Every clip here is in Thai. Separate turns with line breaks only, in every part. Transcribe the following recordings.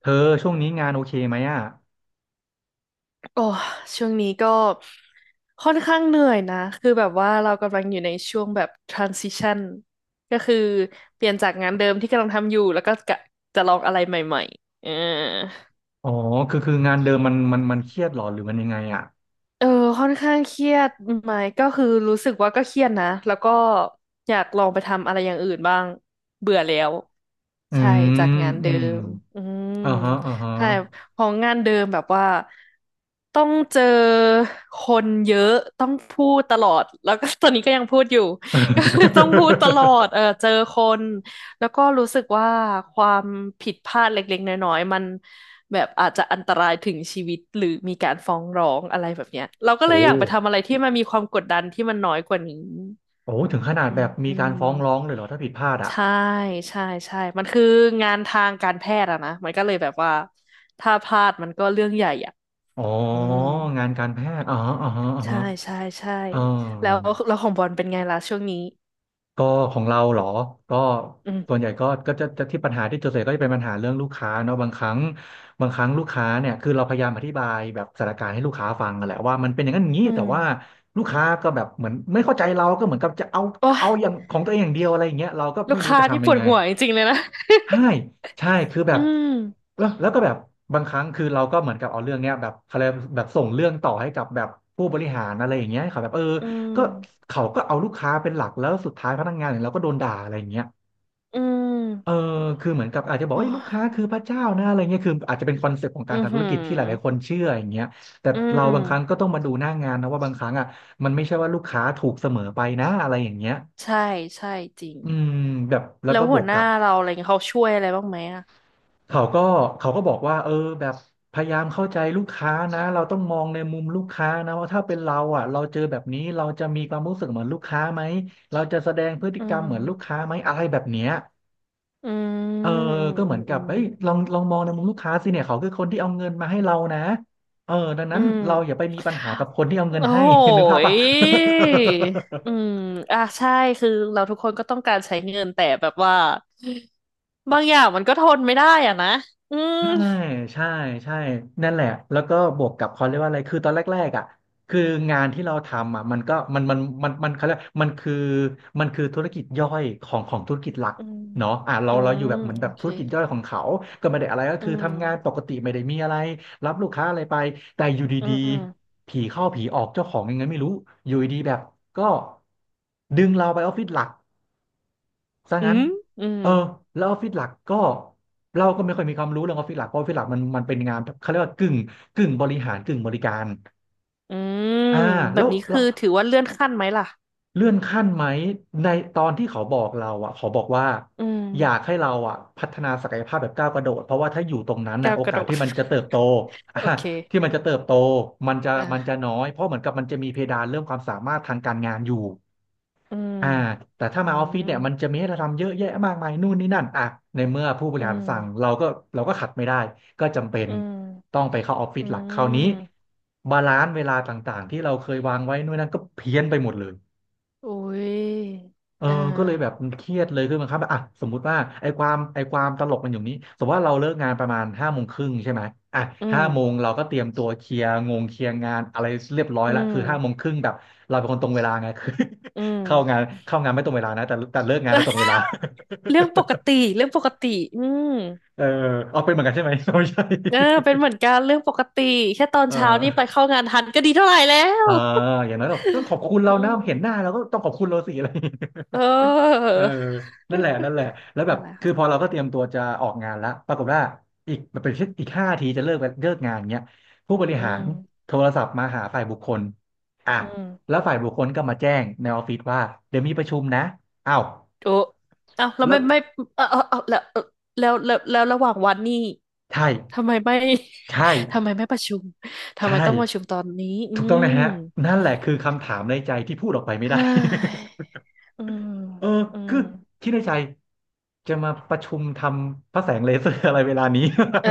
เธอช่วงนี้งานโอเคไหมอ่ะ
โอ้ช่วงนี้ก็ค่อนข้างเหนื่อยนะคือแบบว่าเรากำลังอยู่ในช่วงแบบ transition ก็คือเปลี่ยนจากงานเดิมที่กำลังทำอยู่แล้วก็กะจะลองอะไรใหม่ๆ
อ๋อ คืองานเดิมมันเครียดหรอหรือมันยังไงอ่ะ
เออค่อนข้างเครียดไหมก็คือรู้สึกว่าก็เครียดนะแล้วก็อยากลองไปทำอะไรอย่างอื่นบ้างเบื่อแล้ว
อื
ใช่จาก
ม
งาน
อื
เดิ
ม
มอืม
อ่าฮะอ่าฮะ
ใช่ของงานเดิมแบบว่าต้องเจอคนเยอะต้องพูดตลอดแล้วก็ ตอนนี้ก็ยังพูดอยู่ ก็คือต้องพูดตลอด เออเจอคน แล้วก็รู้สึกว่าความผิดพลาดเล็กๆน้อยๆมันแบบอาจจะอันตรายถึงชีวิตหรือมีการฟ้องร้องอะไรแบบเนี้ยเราก็เล
โอ้
ยอยากไปทำอะไรที่มันมีความกดดันที่มันน้อยกว่านี้
โอ้ถึงขนาด
อื
แบ
ม
บมี
อื
การ
ม
ฟ้องร้องเลยเหรอถ้าผิดพลาดอ่ะ
ใช่ใช่ใช่มันคืองานทางการแพทย์อะนะมันก็เลยแบบว่าถ้าพลาดมันก็เรื่องใหญ่อะ
อ๋อ
อืม
งานการแพทย์อ๋ออ๋ออ๋อ
ใช่ใช่ใช่
อ๋อ
แล้วของบอลเป็นไงล่ะช่วงนี้
ก็ของเราเหรอก็
อืม
ส่วนใหญ่ก็จะที่ปัญหาที่เจอส่วนใหญ่ก็จะเป็นปัญหาเรื่องลูกค้าเนาะบางครั้งบางครั้งลูกค้าเนี่ยคือเราพยายามอธิบายแบบสถานการณ์ให้ลูกค้าฟังอะแหละว่ามันเป็นอย่างนั้นอย่างนี้
อื
แต่
ม
ว่าลูกค้าก็แบบเหมือนไม่เข้าใจเราก็เหมือนกับจะ
โอ้ย
เอาอย่างของตัวเองอย่างเดียวอะไรอย่างเงี้ยเราก็
ลู
ไม่
ก
รู้
ค้า
จะ
ที่
ทำ
ป
ยัง
วด
ไง
หัวจริงๆเลยนะ
ใช่ใช่คือแบ
อื
บ
ม
แล้วก็แบบบางครั้งคือเราก็เหมือนกับเอาเรื่องเนี้ยแบบเขาเรียกแบบส่งเรื่องต่อให้กับแบบผู้บริหารอะไรอย่างเงี้ยเขาแบบเออ
อืม
ก็เขาก็เอาลูกค้าเป็นหลักแล้วสุดท้ายพนักงานอย่างเราก็โดนด่าอะไรอย่างเงี้ย
อื
เออ
ม
คือเหมือนกับอาจจะบอก
โอ้
ว่าเอ้ยลูก
ย
ค้าคือพระเจ้านะอะไรเงี้ยคืออาจจะเป็นคอนเซ็ปต์ของ
อื
การ
อ
ทำธุ
หื
ร
อ
กิจที่หลายๆคนเชื่ออย่างเงี้ยแต่
อื
เรา
ม
บางครั้งก็ต้องมาดูหน้างานนะว่าบางครั้งอ่ะมันไม่ใช่ว่าลูกค้าถูกเสมอไปนะอะไรอย่างเงี้ย
ใช่ ใช่จริง
อืมแบบแล้ว
แล้ว
ก็บ
หั
ว
ว
ก
หน้า
กับ
เราอะไรเงี้ยเขาช่วยอะไรบ้างไหมอ่ะ
เขาก็เขาก็บอกว่าเออแบบพยายามเข้าใจลูกค้านะเราต้องมองในมุมลูกค้านะว่าถ้าเป็นเราอ่ะเราเจอแบบนี้เราจะมีความรู้สึกเหมือนลูกค้าไหมเราจะแสดงพฤติ
อื
กรรมเหมือนลูก
ม
ค้าไหมอะไรแบบเนี้ย
อื
เออ
มอืม
ก็
อื
เหมือ
ม
นกั
อื
บ
ม
เอ้ยลองมองในมุมลูกค้าสิเนี่ยเขาคือคนที่เอาเงินมาให้เรานะเออดัง
อื
นั้น
ม
เราอย่าไปมีปัญหากับคนที่เอาเงิน
โอ้
ให้
โห
นึกภาพป่ะ
ยอืมอ่ะใช่คือเราทุกคนก็ต้องการใช้เงินแต่แบบว่า บางอย่างมันก็ทนไม่ได้อ่ะนะ อืม
ใช่ใช่ใช่ นั่นแหละ แล้วก็บวกกับเขาเรียกว่าอะไรคือตอนแรกๆอ่ะคืองานที่เราทำอ่ะมันก็มันมันมันมันเขาเรียกมันคือมันคือธุรกิจย่อยของธุรกิจหลัก
อืม
เนาะอ่ะ
อื
เราอ
ม
ยู่แบบเหมือน
โอ
แบบ
เค
ธุรกิจย่อยของเขาก็ไม่ได้อะไรก็
อื
คือทำงานป
ม
กติไม่ได้มีอะไรรับลูกค้าอะไรไปแต่อยู่
อื
ดี
ม
ๆผีเข้าผีออกเจ้าของยังไงไม่รู้อยู่ดีๆแบบก็ดึงเราไปออฟฟิศหลัก ซะ
อื
งั้น
มอืม
เออแล้วออฟฟิศหลักก็เราก็ไม่ค่อยมีความรู้เรื่องออฟฟิศหลักเพราะออฟฟิศหลักมันเป็นงานแบบเขาเรียกว่ากึ่งบริหารกึ่งบริการ
อืม
อ่า
แบบนี้
แล้
คื
ว
อถือว่าเลื่อนขั้นไหมล่ะ
เลื่อนขั้นไหมในตอนที่เขาบอกเราอ่ะเขาบอกว่า
อืม
อยากให้เราอ่ะพัฒนาศักยภาพแบบก้าวกระโดดเพราะว่าถ้าอยู่ตรงนั้น
แก้
น่ะ
ว
โอ
กระ
กา
โด
ส
ด
ที่มันจะเติบโต อ่ะ
โอเค
ที่มันจะเติบโต
อ่ะ
มันจะน้อยเพราะเหมือนกับมันจะมีเพดานเรื่องความสามารถทางการงานอยู่
อืม
อ่าแต่ถ้า
อื
มาออฟฟิศ
ม
เนี่ยมันจะมีให้เราทำเยอะแยะมากมายนู่นนี่นั่นอ่ะในเมื่อผู้บ
อื
ริหารสั่ง
ม
เราก็ขัดไม่ได้ก็จำเป็น
อื
ต้อ
ม
งไปเข้าออฟฟิศ
อื
หลักคราวนี้
ม
บาลานซ์เวลาต่างๆที่เราเคยวางไว้นู่นนั่นก็เพี้ยนไปหมดเลย
อุ้ย
เออ
อ่า
ก็เลยแบบเครียดเลยคือมันครับอ่ะสมมุติว่าไอ้ความไอ้ความตลกมันอยู่นี้สมมติว่าเราเลิกงานประมาณห้าโมงครึ่งใช่ไหมอ่ะ
อื
ห้า
ม
โมงเราก็เตรียมตัวเคลียร์งงเคลียร์งานอะไรเรียบร้อย
อื
ละ
ม
คือห้าโมงครึ่งแบบเราเป็นคนตรงเวลาไง คือ
อื ม
เข้างานไม่ตรงเวลานะแต่เลิกงานเราตรงเวลา
เรื่องปกติเรื่องปกติอืม
เออเอาเป็นเหมือนกันใช่ไหมไม่ใช่
เออเป็นเหมือนกันเรื่องปกติแค่ตอน
เ
เช้านี่ไป
ออ
เข้างานทันก็ดีเท่าไหร่แล้ว
เอออย่างนั้นแบบต้องขอบ คุณเรา
อื
นะ
ม
เห็นหน้าเราก็ต้องขอบคุณเราสิอะไรอย่างเงี้ย
เออ
เออนั่นแหละนั่นแหละแล้ว แบ
นั่
บ
นแหละ
คือพอ
ค่ะ
เราก็เตรียมตัวจะออกงานแล้วปรากฏว่าอีกมันเป็นอีกห้าทีจะเลิกงานเงี้ยผู้บริ
อื
หาร
ม
โทรศัพท์มาหาฝ่ายบุคคลอ่ะ
อืม
แล้วฝ่ายบุคคลก็มาแจ้งในออฟฟิศว่าเดี๋ยวมีประชุมนะอ้าว
โอ้เอ้าแล้ว
แล้ว
ไม่ไม่เออเออเออแล้วระหว่างวันนี่
ใช่
ทำไมไม่
ใช่
ทำไมไม่ประชุมทำ
ใช่
ไมต้องประชุมตอนนี้ อื
ถูกต้องนะ
ม
ฮะนั่นแหละคือคำถามในใจที่พูดออกไปไม่ได้
เฮ้ย อืม
เออ
อืม
คือคิดในใจจะมาประชุมทำพระแสงเลเซอร์อะไรเวลานี้
เออ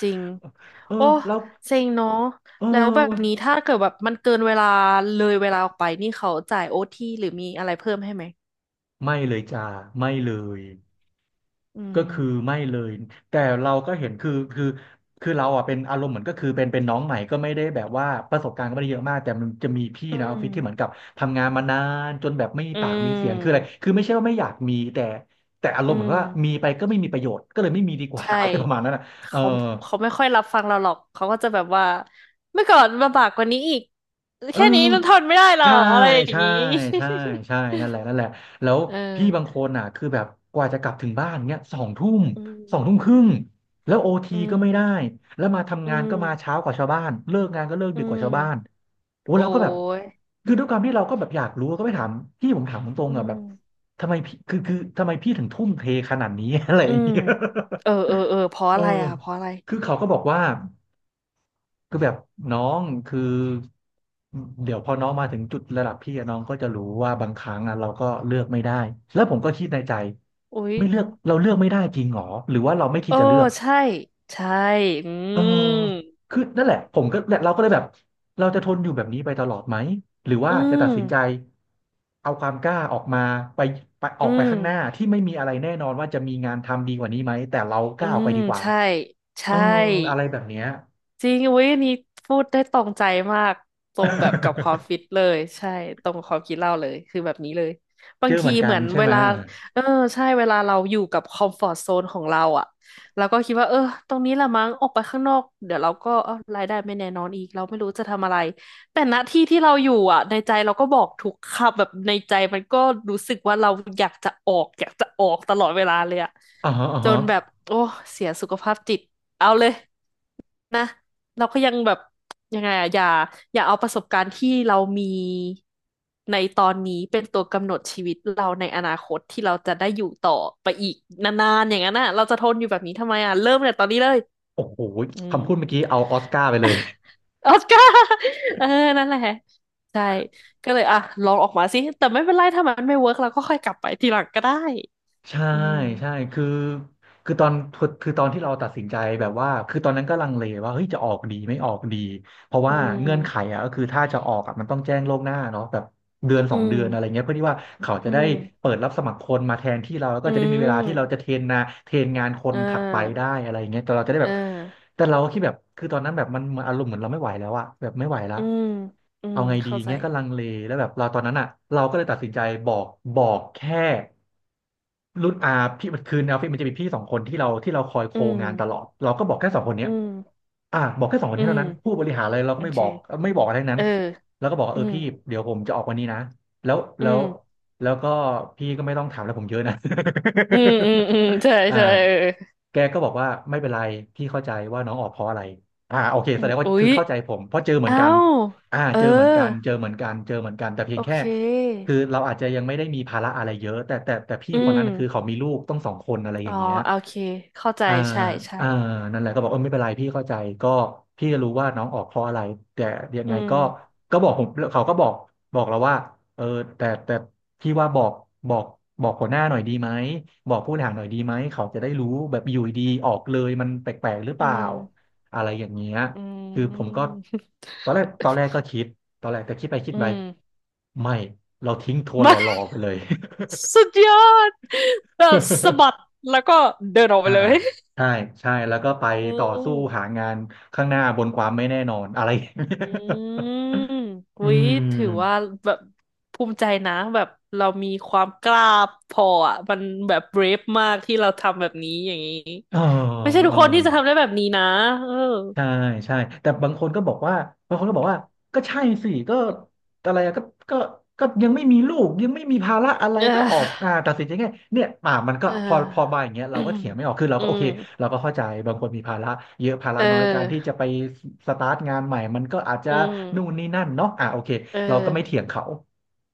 จริง
เออ
โอ้
แล้ว
เซ็งเนาะ
เอ
แล้วแบบนี้
อ
ถ้าเกิดแบบมันเกินเวลาเลยเวลาออกไปนี่เขาจ่ายโอทีหรือมีอะไรเพิ่มให้ไหม
ไม่เลยจ้าไม่เลย
อื
ก็
ม
คือไม่เลยแต่เราก็เห็นคือเราอ่ะเป็นอารมณ์เหมือนก็คือเป็นน้องใหม่ก็ไม่ได้แบบว่าประสบการณ์ก็ไม่ได้เยอะมากแต่มันจะมีพี่
อื
ในออฟ
ม
ฟิศที่เหมือนกับทำงานมานานจนแบบไม่มี
อื
ปากมีเสียงคืออะไร
ม
คือไม่ใช่ว่าไม่อยากมีแต่อาร
อื
มณ์เหมือนว่ามี
ม
ไปก็ไม่มีประโยชน์ก็เลยไม่มีดีกว่า
ใช่
อะไรประมาณนั้นนะเออ
เขาไม่ค่อยรับฟังเราหรอกเขาก็จะแบบว่าเมื่อก่อนมาบากกว่านี้อีก
เออ
แค่นี้มันทนไม่ได้เหรอ
ใช่
อะไรอย่าง
ใช่
นี้
ใช่ใช่นั่นแหละนั่นแหละแล้ว
เออ
พี่บางคนน่ะคือแบบกว่าจะกลับถึงบ้านเนี้ยสองทุ่ม
อื
สองทุ่ม
ม
ครึ่งแล้วโอ
อื
ทีก็
ม
ไม่ได้แล้วมา
อื
ทำงาน
ม
ก็มาเช้ากว่าชาวบ้านเลิกงานก็เลิก
อื
ดึกกว่า
ม
ชาวบ้านโอ้
โอ้
เราก็แบบ
ย
คือด้วยความที่เราก็แบบอยากรู้ก็ไปถามพี่ผมถามตรง
อื
ๆอ่ะแบบ
ม
ทำไมพี่คือทำไมพี่ถึงทุ่มเทขนาดนี้ อะไรอ
อื
ย่าง
ม
เงี้ย
เออเออเออเพราะ
เออ
อะไรอ่ะเพราะอะไร
คือเขาก็บอกว่า คือแบบน้องคือเดี๋ยวพอน้องมาถึงจุดระดับพี่อะน้องก็จะรู้ว่าบางครั้งอะเราก็เลือกไม่ได้แล้วผมก็คิดในใจ
อุ๊ย
ไม่เลือกเราเลือกไม่ได้จริงหรอหรือว่าเราไม่คิ
เอ
ด
อ
จะเลือก
ใช่ใช่อื
เออ
ม
คือนั่นแหละผมก็เราก็เลยแบบเราจะทนอยู่แบบนี้ไปตลอดไหมหรือ
อื
ว่าจะตั
ม
ดสินใจเอาความกล้าออกมาไปไปออ
อื
กไป
ม
ข้างหน้าที่ไม่มีอะไรแน่นอนว่าจะมีงานทำดีกว่านี้ไหมแต่เราก
อื
ล้าออกไป
ม
ดีกว่า
ใช่
เอ
ใช่
ออะไรแบบเนี้ย
จริงอุ้ยอันนี้พูดได้ตรงใจมากตรงแบบกับความฟิต เลยใช่ตรงความคิดเราเลยคือแบบนี้เลยบา
เจ
ง
อเห
ที
มือนกั
เหมื
น
อน
ใช่
เว
ไหม
ลาเออใช่เวลาเราอยู่กับคอมฟอร์ z โซนของเราอ่ะเราก็คิดว่าเออตรงนี้ละมั้งออกไปข้างนอกเดี๋ยวเราก็เออรายได้ไม่แน่นอนอีกเราไม่รู้จะทำอะไรแต่ณที่ที่เราอยู่อ่ะในใจเราก็บอกทุกคำแบบในใจมันก็รู้สึกว่าเราอยากจะออกอยากจะออกตลอดเวลาเลยอ่ะ
อ่าฮะอ่า
จ
ฮะ
นแบบโอ้เสียสุขภาพจิตเอาเลย นะเราก็ยังแบบยังไงอะอย่าอย่าเอาประสบการณ์ที่เรามีในตอนนี้เป็นตัวกำหนดชีวิตเราในอนาคตที่เราจะได้อยู่ต่อไปอีกนานๆอย่างนั้นน่ะเราจะทนอยู่แบบนี้ทำไมอ่ะเริ่มเลยตอนนี้เลย
โอ้โห
อืม
คำพูดเมื่อกี้เอาออสการ์ไปเลย
ออสการ์ เออนั่นแหละใช่ก็เลยอ่ะลองออกมาสิแต่ไม่เป็นไรถ้ามันไม่เวิร์กเราก็ค่อยกลับไปทีหลังก็ได้
ใช่
อืม
ใช่คือตอนที่เราตัดสินใจแบบว่าคือตอนนั้นก็ลังเลว่าเฮ้ยจะออกดีไม่ออกดี เพราะ
อื
ว่า
ม
เงื่อนไขอ่ะก็คือถ้าจะออกอ่ะมันต้องแจ้งล่วงหน้าเนาะแบบเดือนส
อื
องเดื
ม
อนอะไรเงี้ยเพื่อที่ว่าเขาจะ
อื
ได้
ม
เปิดรับสมัครคนมาแทนที่เราแล้วก็
อื
จะได้มีเวลาที่เราจะ
ม
เทรนนาเทรนงานคน
อ่
ถัดไป
า
ได้อะไรเงี้ยแต่เราจะได้แบ
อ่
บ
า
แต่เราคิดแบบคือตอนนั้นแบบมันเหมือนอารมณ์เหมือนเราไม่ไหวแล้วอะแบบไม่ไหวละ
อืมอื
เอา
ม
ไงดี
เข้าใจ
เงี้ยก็ลังเลแล้วแบบเราตอนนั้นอ่ะเราก็เลยตัดสินใจบอกบอกแค่รุ่นอาพี่มันคือในออฟฟิศมันจะมีพี่สองคนที่เราที่เราคอยโค
อืม
งานตลอดเราก็บอกแค่สองคนเนี้
อื
ย
ม
อ่ะบอกแค่สองคน
อืม
เท่านั้นผู้บริหารอะไรเรา
โอ
ก็ไม่
เค
บอกไม่บอกอะไรทั้ง
เอ
นั้น
อ
แล้วก็บอกว่า
อื
เออ
ม
พี่เดี๋ยวผมจะออกวันนี้นะแล้ว
อื
แล้ว
ม
แล้วก็พี่ก็ไม่ต้องถามแล้วผมเยอะนะ
อืมใช่
อ่า
ใช่เออ
แกก็บอกว่าไม่เป็นไรพี่เข้าใจว่าน้องออกเพราะอะไรอ่าโอเค
อื
แสด
ม
งว่า
อุ๊
คือ
ย
เข้าใจผมเพราะเจอเหมือน
อ้า
กัน
ว
อ่า
เออ
เจอเหมือนกันเจอเหมือนกันเจอเหมือนกันแต่เพีย
โอ
งแค่
เค
คือเราอาจจะยังไม่ได้มีภาระอะไรเยอะแต่พี่
อื
คน
ม
นั้นคือเขามีลูกต้องสองคนอะไรอ
อ๋อ
ย่างเงี้ย
โอเคเข้าใจ
อ่า
ใช่ใช่
อ่านั่นแหละก็บอกเออไม่เป็นไรพี่เข้าใจก็พี่จะรู้ว่าน้องออกเพราะอะไรแต่ยัง
อื
ไง
ม
ก็ก็บอกผมเขาก็บอกเราว่าเออแต่พี่ว่าบอกบอกบอกหัวหน้าหน่อยดีไหมบอกผู้บริหารหน่อยดีไหมเขาจะได้รู้แบบอยู่ดีๆออกเลยมันแปลกๆหรือเป
อื
ล่า
ม
อะไรอย่างเงี้ย
อื
คือผมก็
ม
ตอนแรกก็คิดตอนแรกแต่คิดไปคิด
อื
ไป
ม
ไม่เราทิ้งทวนห
า
ล่อๆไปเลย
สุดยอดแบบสะบัด แล้วก็เดินออกไป
อ่า
เลย
ใช่ใช่แล้วก็ไป
อื
ต่อสู้หา
ม
งานข้างหน้าบนความไม่แน่นอนอะไรอย่างเงี้ย
อืม
อื
อุ๊ย
ม
ถือว่าแบบภูมิใจนะแบบเรามีความกล้าพออ่ะมันแบบเบรฟมากที่เราทำแบบนี้อย่างนี้
เออ
ไม่ใช่ทุ
เอ
กคนที่จะ
อ
ทำได้แบบนี้นะเออ
ใช่ใช่แต่บางคนก็บอกว่าบางคนก็บอกว่าก็ใช่สิก็อะไรอะก็ก็ก็ยังไม่มีลูกยังไม่มีภาระอะไรก็ออกอ่าตัดสินใจง่ายเนี่ยอ่ามันก็
เอ
พอพอมา
อ
อย่างเงี้ย
เอ
เรา
ออื
ก็
ม
เถียงไม่ออกคือเรา
อื
ก็โอ
ม
เคเราก็เข้าใจบางคนมีภาระเยอะภา
เ
ระน้อยการที่จะ
ออ
ไปสตาร์ทงานใหม่มันก็อาจจะ
อืม
นู่นนี่นั่นเนาะอ่าโอเค
เอ
เราก็ไม่
อ
เถียงเขา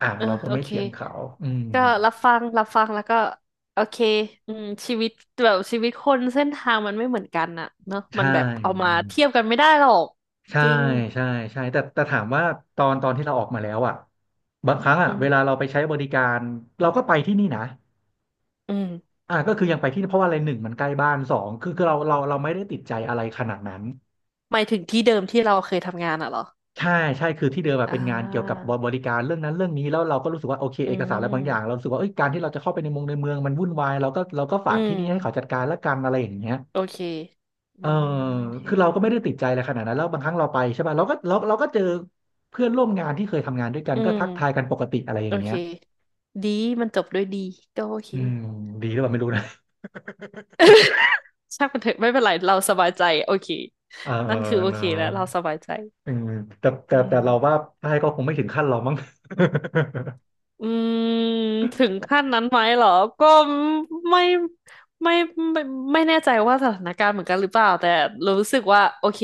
อ่า
เออ
เราก็
โอ
ไม่
เค
เถียงเขาอืม
ก็รับฟังรับฟังแล้วก็โอเคอืมชีวิตแบบชีวิตคนเส้นทางมันไม่เหมือนกันน่ะเนอะมั
ใช่
นแบบเอามาเทียบกันไม่ได้หรอก
ใช่
จริง
ใช่ใช่แต่ถามว่าตอนตอนที่เราออกมาแล้วอ่ะบางครั้งอ่ะ
อื
เวลา
ม
เราไปใช้บริการเราก็ไปที่นี่นะ
อืม
อ่ะก็คือยังไปที่นี่เพราะว่าอะไรหนึ่งมันใกล้บ้านสองคือคือเราไม่ได้ติดใจอะไรขนาดนั้น
หมายถึงที่เดิมที่เราเคยทำงานอ่ะเหรอ
ใช่ใช่คือที่เดิมแบบ
อ่
เป็นงานเกี่ยวกับ
า
บริการเรื่องนั้นเรื่องนี้แล้วเราก็รู้สึกว่าโอเค
อื
เอกสารอะไรบางอย่างเรา
ม
รู้สึกว่าเอ้ยการที่เราจะเข้าไปในเมืองในเมืองมันวุ่นวายเราก็เราก็
อื
ฝากที่นี่ให้
ม
เขาจัดการละกันอะไรอย่างเงี้ย
โอเคอื
เออ
มโอเค
คือเราก็ไม่ได้ติดใจอะไรขนาดนั้นแล้วบางครั้งเราไปใช่ป่ะเราก็เจอเพื่อนร่วมงานที่เคยทำงานด้วยกัน
อื
ก็ทักทาย
ม
กันปกติอะไรอ
โอ
ย่างเงี้
เค
ย
ดีมันจบด้วยดีก็โอเค
อื มดีหรือเปล่าไม่รู้นะ
ช่างมันเถอะไม่เป็นไรเราสบายใจโอเค
เออ
นั่นคือโอ
เน
เค
อะ
แล้วเราสบายใจ
อืมแต่แต่
อื
แต่
ม
เราว่าใช่ก็คงไม่ถึงขั้นเรามั้ง
อืมถึงขั้นนั้นไหมเหรอก็ไม่ไม่ไม่ไม่แน่ใจว่าสถานการณ์เหมือนกันหรือเปล่าแต่รู้สึกว่าโอเค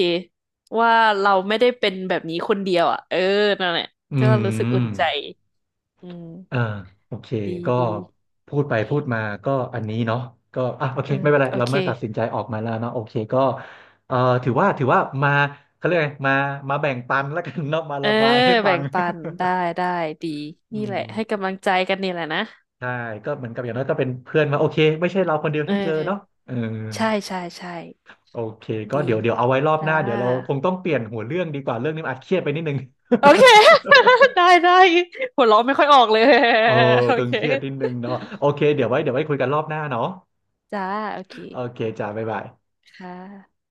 ว่าเราไม่ได้เป็นแบบนี้คนเดียวอ่ะเออนั่นแหละ
อื
ก็รู้สึกอุ่
ม
นใจอืม
อ่าโอเค
ดี
ก็
ดี
พูดไปพูดมาก็อันนี้เนาะก็อ่ะโอเค
เออ
ไม่เป็นไร
โอ
เรา
เค
เมื่อตัดสินใจออกมาแล้วเนาะโอเคก็เอ่อถือว่าถือว่ามาเขาเรียกไงมามาแบ่งปันแล้วกันเนาะมา
เออ
ระบายให้ฟั
แบ่
ง
งปันได้ได้ดี
อื
นี่แห
ม
ละให้กำลังใจกันนี่แหละนะ
ใช่ก็เหมือนกับอย่างน้อยก็เป็นเพื่อนมาโอเคไม่ใช่เราคนเดียว
เออ
ที่เจอเนาะเออ
ใช่ใช่ใช่
โอเคก็
ดี
เดี๋ยวเอาไว้รอบห
จ้า
น้าเดี๋ยวเราคงต้องเปลี่ยนหัวเรื่องดีกว่าเรื่องนี้มันอาจเครียดไปนิดนึง
โอเค ได้ได้ หัวเราะไม่ค่อยออกเลย
เออ
โอ
ตึง
เค
เครียดนิดนึงเนาะโอเคเดี๋ยวไว้คุยกันรอบหน้าเนาะ
จ้า โอเค
โอเคจ้าบ๊ายบาย
ค่ะ